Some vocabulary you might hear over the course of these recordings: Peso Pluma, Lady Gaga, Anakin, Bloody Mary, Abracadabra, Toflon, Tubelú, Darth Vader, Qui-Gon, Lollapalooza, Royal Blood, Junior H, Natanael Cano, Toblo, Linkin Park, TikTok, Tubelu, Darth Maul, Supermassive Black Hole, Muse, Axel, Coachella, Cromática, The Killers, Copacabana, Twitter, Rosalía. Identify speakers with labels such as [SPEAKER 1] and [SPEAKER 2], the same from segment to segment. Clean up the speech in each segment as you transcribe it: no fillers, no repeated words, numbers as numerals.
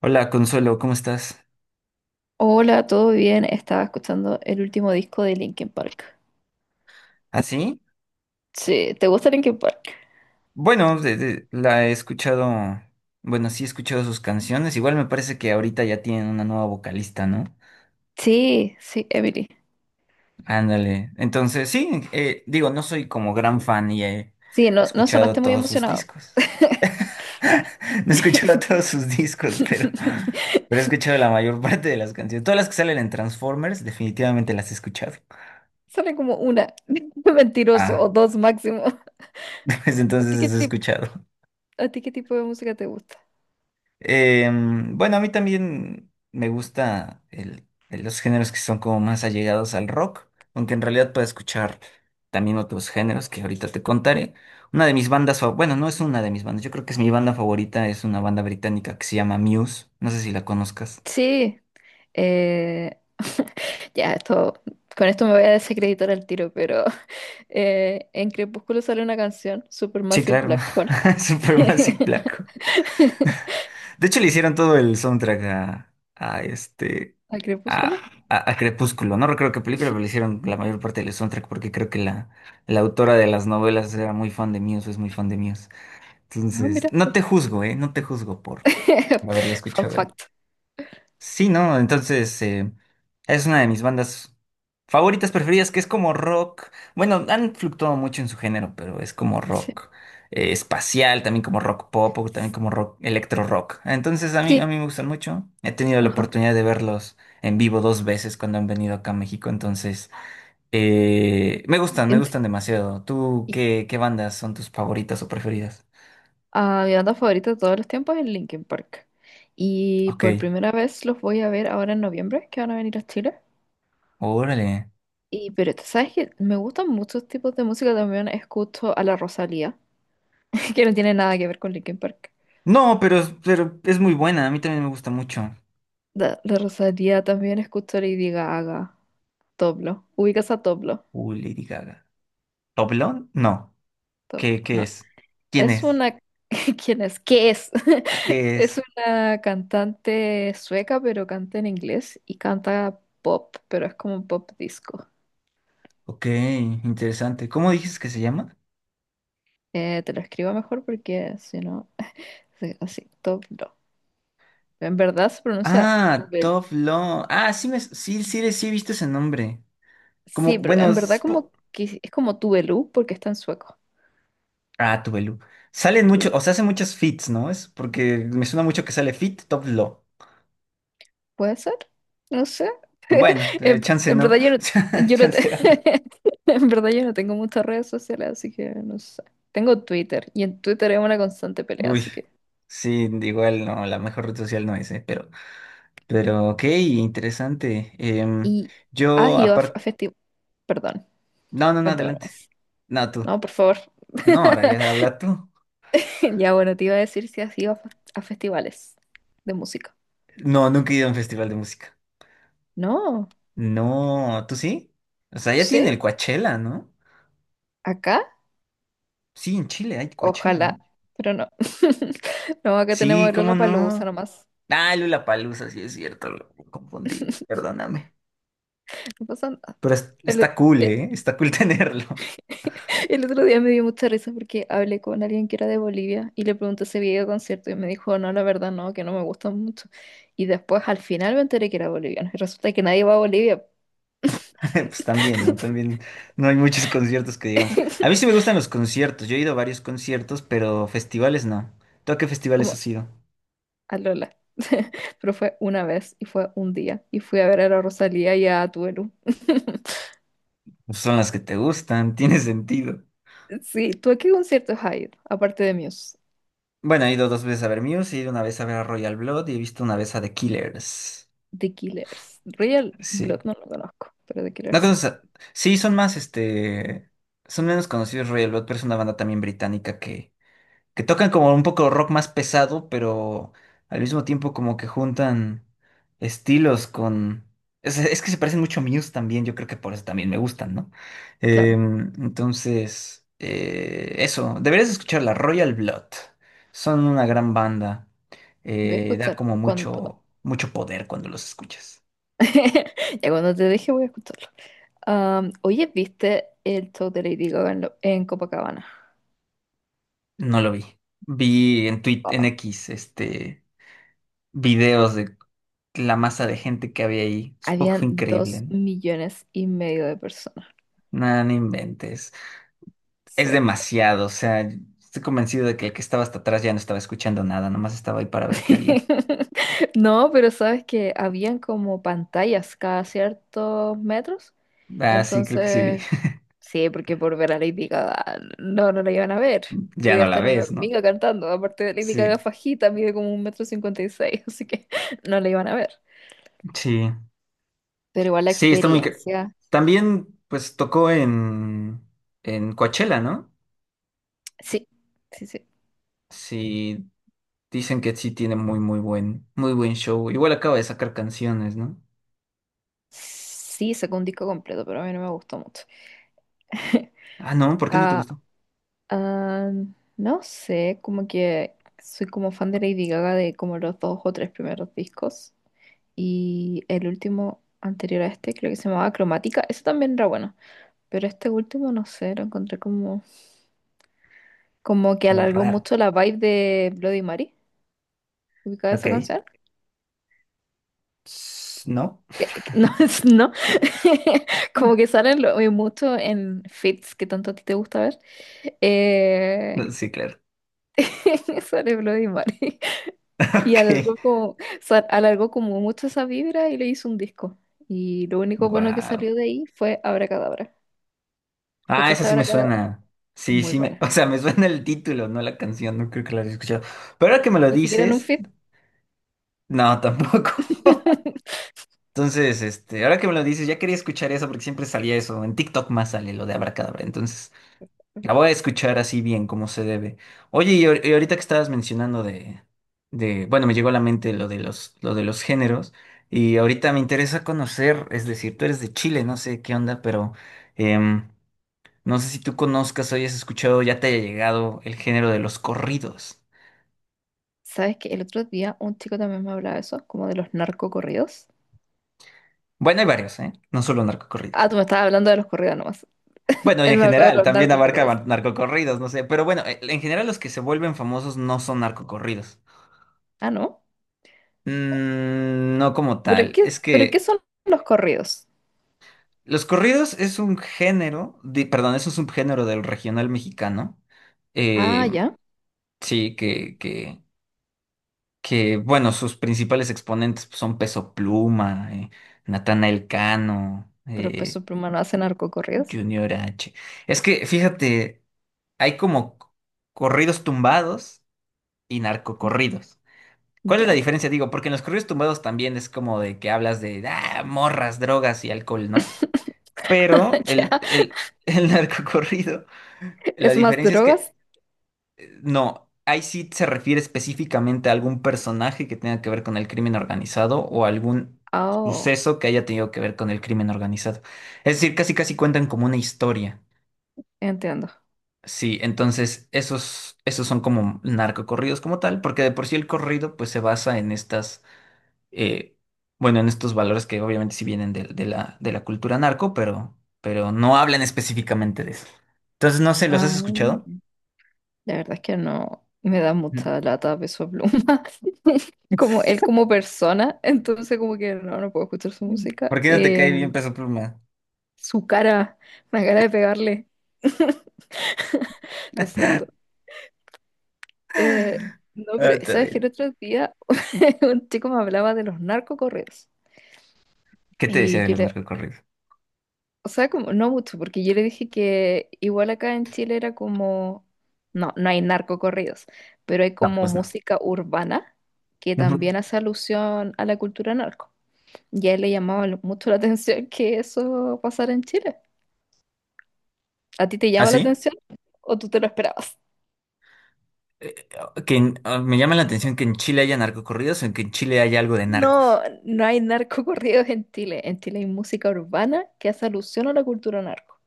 [SPEAKER 1] Hola, Consuelo, ¿cómo estás?
[SPEAKER 2] Hola, ¿todo bien? Estaba escuchando el último disco de Linkin Park.
[SPEAKER 1] ¿Así?
[SPEAKER 2] Sí, ¿te gusta Linkin Park?
[SPEAKER 1] Bueno, la he escuchado, bueno, sí he escuchado sus canciones, igual me parece que ahorita ya tienen una nueva vocalista, ¿no?
[SPEAKER 2] Sí, sí, Emily.
[SPEAKER 1] Ándale, entonces sí, digo, no soy como gran fan y he
[SPEAKER 2] Sí, no, no
[SPEAKER 1] escuchado
[SPEAKER 2] sonaste muy
[SPEAKER 1] todos sus
[SPEAKER 2] emocionado.
[SPEAKER 1] discos. No he escuchado todos sus discos, pero he escuchado la mayor parte de las canciones. Todas las que salen en Transformers, definitivamente las he escuchado.
[SPEAKER 2] Sale como una, mentiroso, o
[SPEAKER 1] Ah,
[SPEAKER 2] dos máximo.
[SPEAKER 1] pues
[SPEAKER 2] ¿A ti
[SPEAKER 1] entonces
[SPEAKER 2] qué
[SPEAKER 1] las he
[SPEAKER 2] tipo,
[SPEAKER 1] escuchado.
[SPEAKER 2] ¿A ti qué tipo de música te gusta?
[SPEAKER 1] Bueno, a mí también me gusta los géneros que son como más allegados al rock, aunque en realidad puedo escuchar también otros géneros que ahorita te contaré. Una de mis bandas, bueno, no es una de mis bandas, yo creo que es mi banda favorita, es una banda británica que se llama Muse, no sé si la conozcas.
[SPEAKER 2] Sí, eh, ya, esto, con esto me voy a desacreditar al tiro, pero en Crepúsculo sale una canción,
[SPEAKER 1] Sí,
[SPEAKER 2] Supermassive
[SPEAKER 1] claro,
[SPEAKER 2] Black Hole.
[SPEAKER 1] Supermassive Black. De hecho, le hicieron todo el soundtrack a este
[SPEAKER 2] ¿Al crepúsculo?
[SPEAKER 1] a Crepúsculo. No recuerdo qué película, pero le hicieron la mayor parte del soundtrack porque creo que la autora de las novelas era muy fan de Muse, es muy fan de Muse.
[SPEAKER 2] No,
[SPEAKER 1] Entonces,
[SPEAKER 2] mira.
[SPEAKER 1] no te juzgo, ¿eh? No te juzgo por haberla
[SPEAKER 2] Fun
[SPEAKER 1] escuchado ahí.
[SPEAKER 2] fact.
[SPEAKER 1] Sí, ¿no? Entonces, es una de mis bandas favoritas, preferidas, que es como rock. Bueno, han fluctuado mucho en su género, pero es como
[SPEAKER 2] Sí.
[SPEAKER 1] rock espacial, también como rock pop, o también como rock, electro rock. Entonces, a
[SPEAKER 2] Sí,
[SPEAKER 1] mí me gustan mucho. He tenido la
[SPEAKER 2] ajá.
[SPEAKER 1] oportunidad de verlos en vivo dos veces cuando han venido acá a México, entonces, me
[SPEAKER 2] En-
[SPEAKER 1] gustan demasiado. ¿Tú
[SPEAKER 2] y-
[SPEAKER 1] qué bandas son tus favoritas o preferidas?
[SPEAKER 2] Mi banda favorita de todos los tiempos es Linkin Park. Y
[SPEAKER 1] Ok,
[SPEAKER 2] por primera vez los voy a ver ahora en noviembre, que van a venir a Chile.
[SPEAKER 1] órale.
[SPEAKER 2] Y pero tú sabes que me gustan muchos tipos de música. También escucho a la Rosalía, que no tiene nada que ver con Linkin Park.
[SPEAKER 1] No, pero es muy buena, a mí también me gusta mucho.
[SPEAKER 2] La Rosalía, también escucho a Lady Gaga, Toblo. ¿Ubicas a Toblo?
[SPEAKER 1] Uy, Lady Gaga. ¿Oblong? No.
[SPEAKER 2] Toblo,
[SPEAKER 1] Qué
[SPEAKER 2] no.
[SPEAKER 1] es? ¿Quién
[SPEAKER 2] Es
[SPEAKER 1] es?
[SPEAKER 2] una... ¿Quién es? ¿Qué es?
[SPEAKER 1] ¿Qué
[SPEAKER 2] Es
[SPEAKER 1] es?
[SPEAKER 2] una cantante sueca, pero canta en inglés y canta pop, pero es como un pop disco.
[SPEAKER 1] Ok, interesante. ¿Cómo dices que se llama?
[SPEAKER 2] Te lo escribo mejor porque si no, sí, así, top no. En verdad se pronuncia
[SPEAKER 1] Ah,
[SPEAKER 2] Tubel.
[SPEAKER 1] Toflon. Ah, sí, sí, sí he visto ese nombre. Como,
[SPEAKER 2] Sí, pero
[SPEAKER 1] bueno,
[SPEAKER 2] en verdad como que es como Tubelú porque está en sueco.
[SPEAKER 1] ah, Tubelu. Salen muchos, o sea, hace muchos fits, ¿no? Es porque me suena mucho que sale fit, Toflo.
[SPEAKER 2] ¿Puede ser? No sé.
[SPEAKER 1] Bueno,
[SPEAKER 2] En,
[SPEAKER 1] chance
[SPEAKER 2] en verdad
[SPEAKER 1] no.
[SPEAKER 2] yo no, yo no te-
[SPEAKER 1] Chance era no.
[SPEAKER 2] en verdad yo no tengo muchas redes sociales, así que no sé. Tengo Twitter y en Twitter es una constante pelea,
[SPEAKER 1] Uy.
[SPEAKER 2] así que.
[SPEAKER 1] Sí, igual no, la mejor red social no es, pero ok, interesante. Em,
[SPEAKER 2] Y has
[SPEAKER 1] yo,
[SPEAKER 2] ido a, f- a
[SPEAKER 1] aparte.
[SPEAKER 2] festivales. Perdón,
[SPEAKER 1] No, no, no,
[SPEAKER 2] cuéntame
[SPEAKER 1] adelante.
[SPEAKER 2] más.
[SPEAKER 1] No, tú.
[SPEAKER 2] No, por favor.
[SPEAKER 1] No, ahora ya habla tú.
[SPEAKER 2] Ya bueno, te iba a decir si has ido a, a festivales de música.
[SPEAKER 1] No, nunca he ido a un festival de música.
[SPEAKER 2] No,
[SPEAKER 1] No, ¿tú sí? O sea, ya tiene el
[SPEAKER 2] sí,
[SPEAKER 1] Coachella, ¿no?
[SPEAKER 2] acá,
[SPEAKER 1] Sí, en Chile hay Coachella,
[SPEAKER 2] ojalá,
[SPEAKER 1] ¿no?
[SPEAKER 2] pero no. No, acá tenemos
[SPEAKER 1] Sí,
[SPEAKER 2] el
[SPEAKER 1] ¿cómo
[SPEAKER 2] Lollapalooza
[SPEAKER 1] no?
[SPEAKER 2] nomás.
[SPEAKER 1] Ah, Lollapalooza, sí es cierto, lo me confundí, perdóname.
[SPEAKER 2] No pasa nada.
[SPEAKER 1] Pero
[SPEAKER 2] El,
[SPEAKER 1] está cool, ¿eh? Está cool tenerlo.
[SPEAKER 2] El otro día me dio mucha risa porque hablé con alguien que era de Bolivia y le pregunté si había ido a concierto y me dijo, no, la verdad no, que no me gustan mucho. Y después al final me enteré que era boliviano y resulta que nadie va a Bolivia.
[SPEAKER 1] Pues también, ¿no? También no hay muchos conciertos que digamos. A mí sí me gustan los conciertos, yo he ido a varios conciertos, pero festivales no. ¿Tú a qué festivales
[SPEAKER 2] Como
[SPEAKER 1] has ido?
[SPEAKER 2] a Lola. Pero fue una vez y fue un día y fui a ver a la Rosalía y a Tuelu.
[SPEAKER 1] Pues son las que te gustan, tiene sentido.
[SPEAKER 2] Sí, ¿tú a qué conciertos has ido? Aparte de Muse,
[SPEAKER 1] Bueno, he ido dos veces a ver Muse, he ido una vez a ver a Royal Blood y he visto una vez a The Killers.
[SPEAKER 2] The Killers. Royal Blood
[SPEAKER 1] Sí.
[SPEAKER 2] no lo conozco, pero The
[SPEAKER 1] No
[SPEAKER 2] Killers sí.
[SPEAKER 1] conoces a- Sí, son más, este... Son menos conocidos Royal Blood, pero es una banda también británica que tocan como un poco rock más pesado, pero al mismo tiempo como que juntan estilos con... es que se parecen mucho a Muse también, yo creo que por eso también me gustan, ¿no?
[SPEAKER 2] Claro,
[SPEAKER 1] Entonces, eso, deberías escuchar la Royal Blood. Son una gran banda.
[SPEAKER 2] voy a
[SPEAKER 1] Da
[SPEAKER 2] escuchar.
[SPEAKER 1] como mucho, mucho poder cuando los escuchas.
[SPEAKER 2] Ya cuando te deje voy a escucharlo. Am, oye, ¿viste el show de Lady Gaga en, en Copacabana?
[SPEAKER 1] No lo vi. Vi en Twitter, en
[SPEAKER 2] Oh,
[SPEAKER 1] X, este, videos de la masa de gente que había ahí. Supongo que
[SPEAKER 2] habían
[SPEAKER 1] fue increíble,
[SPEAKER 2] dos
[SPEAKER 1] ¿no?
[SPEAKER 2] millones y medio de personas.
[SPEAKER 1] Nada no inventes. Es
[SPEAKER 2] Sí.
[SPEAKER 1] demasiado, o sea, estoy convencido de que el que estaba hasta atrás ya no estaba escuchando nada, nomás estaba ahí para ver qué había.
[SPEAKER 2] No, pero sabes que habían como pantallas cada ciertos metros.
[SPEAKER 1] Ah, sí, creo que sí. Vi.
[SPEAKER 2] Entonces, sí, porque por ver a Lady Gaga no, no la iban a ver.
[SPEAKER 1] Ya
[SPEAKER 2] Podía
[SPEAKER 1] no la
[SPEAKER 2] estar una
[SPEAKER 1] ves, ¿no?
[SPEAKER 2] hormiga cantando. Aparte de Lady Gaga
[SPEAKER 1] Sí,
[SPEAKER 2] fajita, mide como 1,56 m, así que no la iban a ver.
[SPEAKER 1] sí.
[SPEAKER 2] Pero igual la
[SPEAKER 1] Sí, está muy...
[SPEAKER 2] experiencia.
[SPEAKER 1] también, pues, tocó en Coachella, ¿no?
[SPEAKER 2] Sí, sí, sí.
[SPEAKER 1] Sí, dicen que sí tiene muy, muy buen show. Igual acaba de sacar canciones, ¿no?
[SPEAKER 2] Sí, sacó un disco completo, pero a mí no me gustó mucho.
[SPEAKER 1] Ah, no, ¿por qué no te
[SPEAKER 2] Ah,
[SPEAKER 1] gustó?
[SPEAKER 2] ah, no sé, como que soy como fan de Lady Gaga de como los dos o tres primeros discos. Y el último anterior a este, creo que se llamaba Cromática, eso también era bueno. Pero este último, no sé, lo encontré como, como que
[SPEAKER 1] Como
[SPEAKER 2] alargó
[SPEAKER 1] raro.
[SPEAKER 2] mucho la vibe de Bloody Mary. ¿Ubicada esa
[SPEAKER 1] Ok.
[SPEAKER 2] canción?
[SPEAKER 1] Tss, ¿no?
[SPEAKER 2] No, no. Como que salen mucho en feeds que tanto a ti te gusta ver. Eh,
[SPEAKER 1] Sí, claro.
[SPEAKER 2] sale Bloody Mary. Y
[SPEAKER 1] Ok.
[SPEAKER 2] alargó como, alargó como mucho esa vibra y le hizo un disco. Y lo único bueno que
[SPEAKER 1] Wow.
[SPEAKER 2] salió de ahí fue Abracadabra.
[SPEAKER 1] Ah, esa
[SPEAKER 2] ¿Escuchaste
[SPEAKER 1] sí me
[SPEAKER 2] Abracadabra?
[SPEAKER 1] suena. Sí,
[SPEAKER 2] Muy
[SPEAKER 1] sí, o
[SPEAKER 2] buena.
[SPEAKER 1] sea, me suena el título, no la canción, no creo que la haya escuchado. Pero ahora que me lo
[SPEAKER 2] Ni siquiera en un
[SPEAKER 1] dices,
[SPEAKER 2] feed.
[SPEAKER 1] no, tampoco. Entonces, este, ahora que me lo dices, ya quería escuchar eso porque siempre salía eso. En TikTok más sale lo de Abracadabra. Entonces, la voy a escuchar así bien, como se debe. Oye, y ahorita que estabas mencionando bueno, me llegó a la mente lo de los géneros. Y ahorita me interesa conocer, es decir, tú eres de Chile, no sé qué onda, pero. em, No sé si tú conozcas o hayas escuchado, ya te haya llegado el género de los corridos.
[SPEAKER 2] ¿Sabes que el otro día un chico también me hablaba de eso, como de los narcocorridos?
[SPEAKER 1] Bueno, hay varios, ¿eh? No solo
[SPEAKER 2] Ah,
[SPEAKER 1] narcocorridos.
[SPEAKER 2] tú me estabas hablando de los corridos nomás.
[SPEAKER 1] Bueno, y
[SPEAKER 2] Él
[SPEAKER 1] en
[SPEAKER 2] me habló de
[SPEAKER 1] general,
[SPEAKER 2] los
[SPEAKER 1] también abarca
[SPEAKER 2] narcocorridos.
[SPEAKER 1] narcocorridos, no sé. Pero bueno, en general los que se vuelven famosos no son narcocorridos.
[SPEAKER 2] Ah, ¿no?
[SPEAKER 1] Mm, no como tal. Es
[SPEAKER 2] Pero qué
[SPEAKER 1] que
[SPEAKER 2] son los corridos?
[SPEAKER 1] los corridos es un género, perdón, es un subgénero del regional mexicano.
[SPEAKER 2] Ah,
[SPEAKER 1] Eh,
[SPEAKER 2] ya.
[SPEAKER 1] sí, que, bueno, sus principales exponentes son Peso Pluma, Natanael Cano,
[SPEAKER 2] Pero Peso Pluma no hace narcocorridos.
[SPEAKER 1] Junior H. Es que, fíjate, hay como corridos tumbados y
[SPEAKER 2] Ya.
[SPEAKER 1] narcocorridos. ¿Cuál es la
[SPEAKER 2] Ya.
[SPEAKER 1] diferencia? Digo, porque en los corridos tumbados también es como de que hablas de ah, morras, drogas y alcohol, ¿no? Pero
[SPEAKER 2] Ya.
[SPEAKER 1] el narcocorrido, la
[SPEAKER 2] ¿Es más
[SPEAKER 1] diferencia es que
[SPEAKER 2] drogas?
[SPEAKER 1] no, ahí sí se refiere específicamente a algún personaje que tenga que ver con el crimen organizado o algún
[SPEAKER 2] Oh,
[SPEAKER 1] suceso que haya tenido que ver con el crimen organizado. Es decir, casi casi cuentan como una historia.
[SPEAKER 2] entiendo.
[SPEAKER 1] Sí, entonces esos, esos son como narcocorridos como tal, porque de por sí el corrido pues se basa en estas, eh, bueno, en estos valores que obviamente sí vienen de de la cultura narco, pero no hablan específicamente de eso. Entonces, no sé, ¿los
[SPEAKER 2] Ah,
[SPEAKER 1] has escuchado?
[SPEAKER 2] la verdad es que no me da
[SPEAKER 1] Mm.
[SPEAKER 2] mucha lata Peso Pluma. Como él como persona, entonces como que no, no puedo escuchar su
[SPEAKER 1] ¿Por
[SPEAKER 2] música.
[SPEAKER 1] qué no te cae bien Peso Pluma?
[SPEAKER 2] Su cara, la cara de pegarle. Lo siento. Eh, no,
[SPEAKER 1] Ah,
[SPEAKER 2] pero
[SPEAKER 1] está
[SPEAKER 2] sabes que el
[SPEAKER 1] bien.
[SPEAKER 2] otro día un chico me hablaba de los narcocorridos.
[SPEAKER 1] ¿Qué te decía
[SPEAKER 2] Y
[SPEAKER 1] de
[SPEAKER 2] yo
[SPEAKER 1] los
[SPEAKER 2] le,
[SPEAKER 1] narcocorridos?
[SPEAKER 2] o sea, como, no mucho, porque yo le dije que igual acá en Chile era como, no, no hay narcocorridos, pero hay
[SPEAKER 1] No,
[SPEAKER 2] como
[SPEAKER 1] pues no.
[SPEAKER 2] música urbana que
[SPEAKER 1] Ujú.
[SPEAKER 2] también hace alusión a la cultura narco. Y a él le llamaba mucho la atención que eso pasara en Chile. ¿A ti te
[SPEAKER 1] ¿Ah,
[SPEAKER 2] llama la
[SPEAKER 1] sí?
[SPEAKER 2] atención o tú te lo esperabas?
[SPEAKER 1] Eh, que ah, me llama la atención que en Chile haya narcocorridos o en que en Chile haya algo de narcos.
[SPEAKER 2] No, no hay narcocorridos en Chile. En Chile hay música urbana que hace alusión a la cultura narco.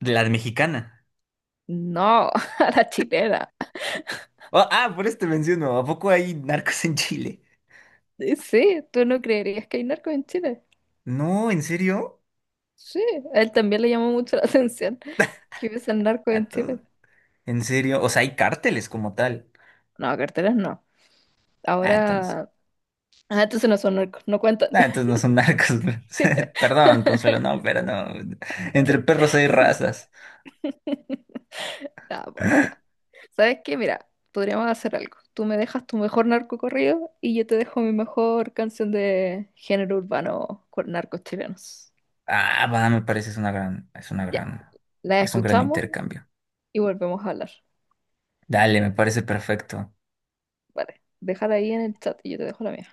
[SPEAKER 1] De la mexicana.
[SPEAKER 2] No, a la chilena.
[SPEAKER 1] Oh, ah, por eso te menciono. ¿A poco hay narcos en Chile?
[SPEAKER 2] Sí, tú no creerías que hay narco en Chile.
[SPEAKER 1] No, ¿en serio?
[SPEAKER 2] Sí, a él también le llamó mucho la atención que hubiesen narco
[SPEAKER 1] A
[SPEAKER 2] en
[SPEAKER 1] todo.
[SPEAKER 2] Chile.
[SPEAKER 1] ¿En serio? O sea, hay cárteles como tal.
[SPEAKER 2] No, carteras no.
[SPEAKER 1] Ah, entonces.
[SPEAKER 2] Ahora. Ah, entonces no son narcos, no cuentan.
[SPEAKER 1] Ah, entonces no son narcos. Perdón, Consuelo, no, pero no. Entre perros hay razas.
[SPEAKER 2] Ah, bueno, ya. ¿Sabes qué? Mira, podríamos hacer algo. Tú me dejas tu mejor narco corrido y yo te dejo mi mejor canción de género urbano con narcos chilenos.
[SPEAKER 1] Ah, va, me parece es una gran, es una
[SPEAKER 2] Ya,
[SPEAKER 1] gran,
[SPEAKER 2] la
[SPEAKER 1] es un gran
[SPEAKER 2] escuchamos
[SPEAKER 1] intercambio.
[SPEAKER 2] y volvemos a hablar.
[SPEAKER 1] Dale, me parece perfecto.
[SPEAKER 2] Vale, déjala ahí en el chat y yo te dejo la mía.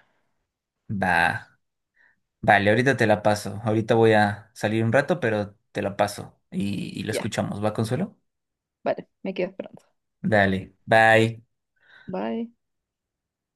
[SPEAKER 1] Va. Vale, ahorita te la paso. Ahorita voy a salir un rato, pero te la paso y lo
[SPEAKER 2] Ya,
[SPEAKER 1] escuchamos. ¿Va, Consuelo?
[SPEAKER 2] vale, me quedo esperando.
[SPEAKER 1] Dale, bye.
[SPEAKER 2] Bye.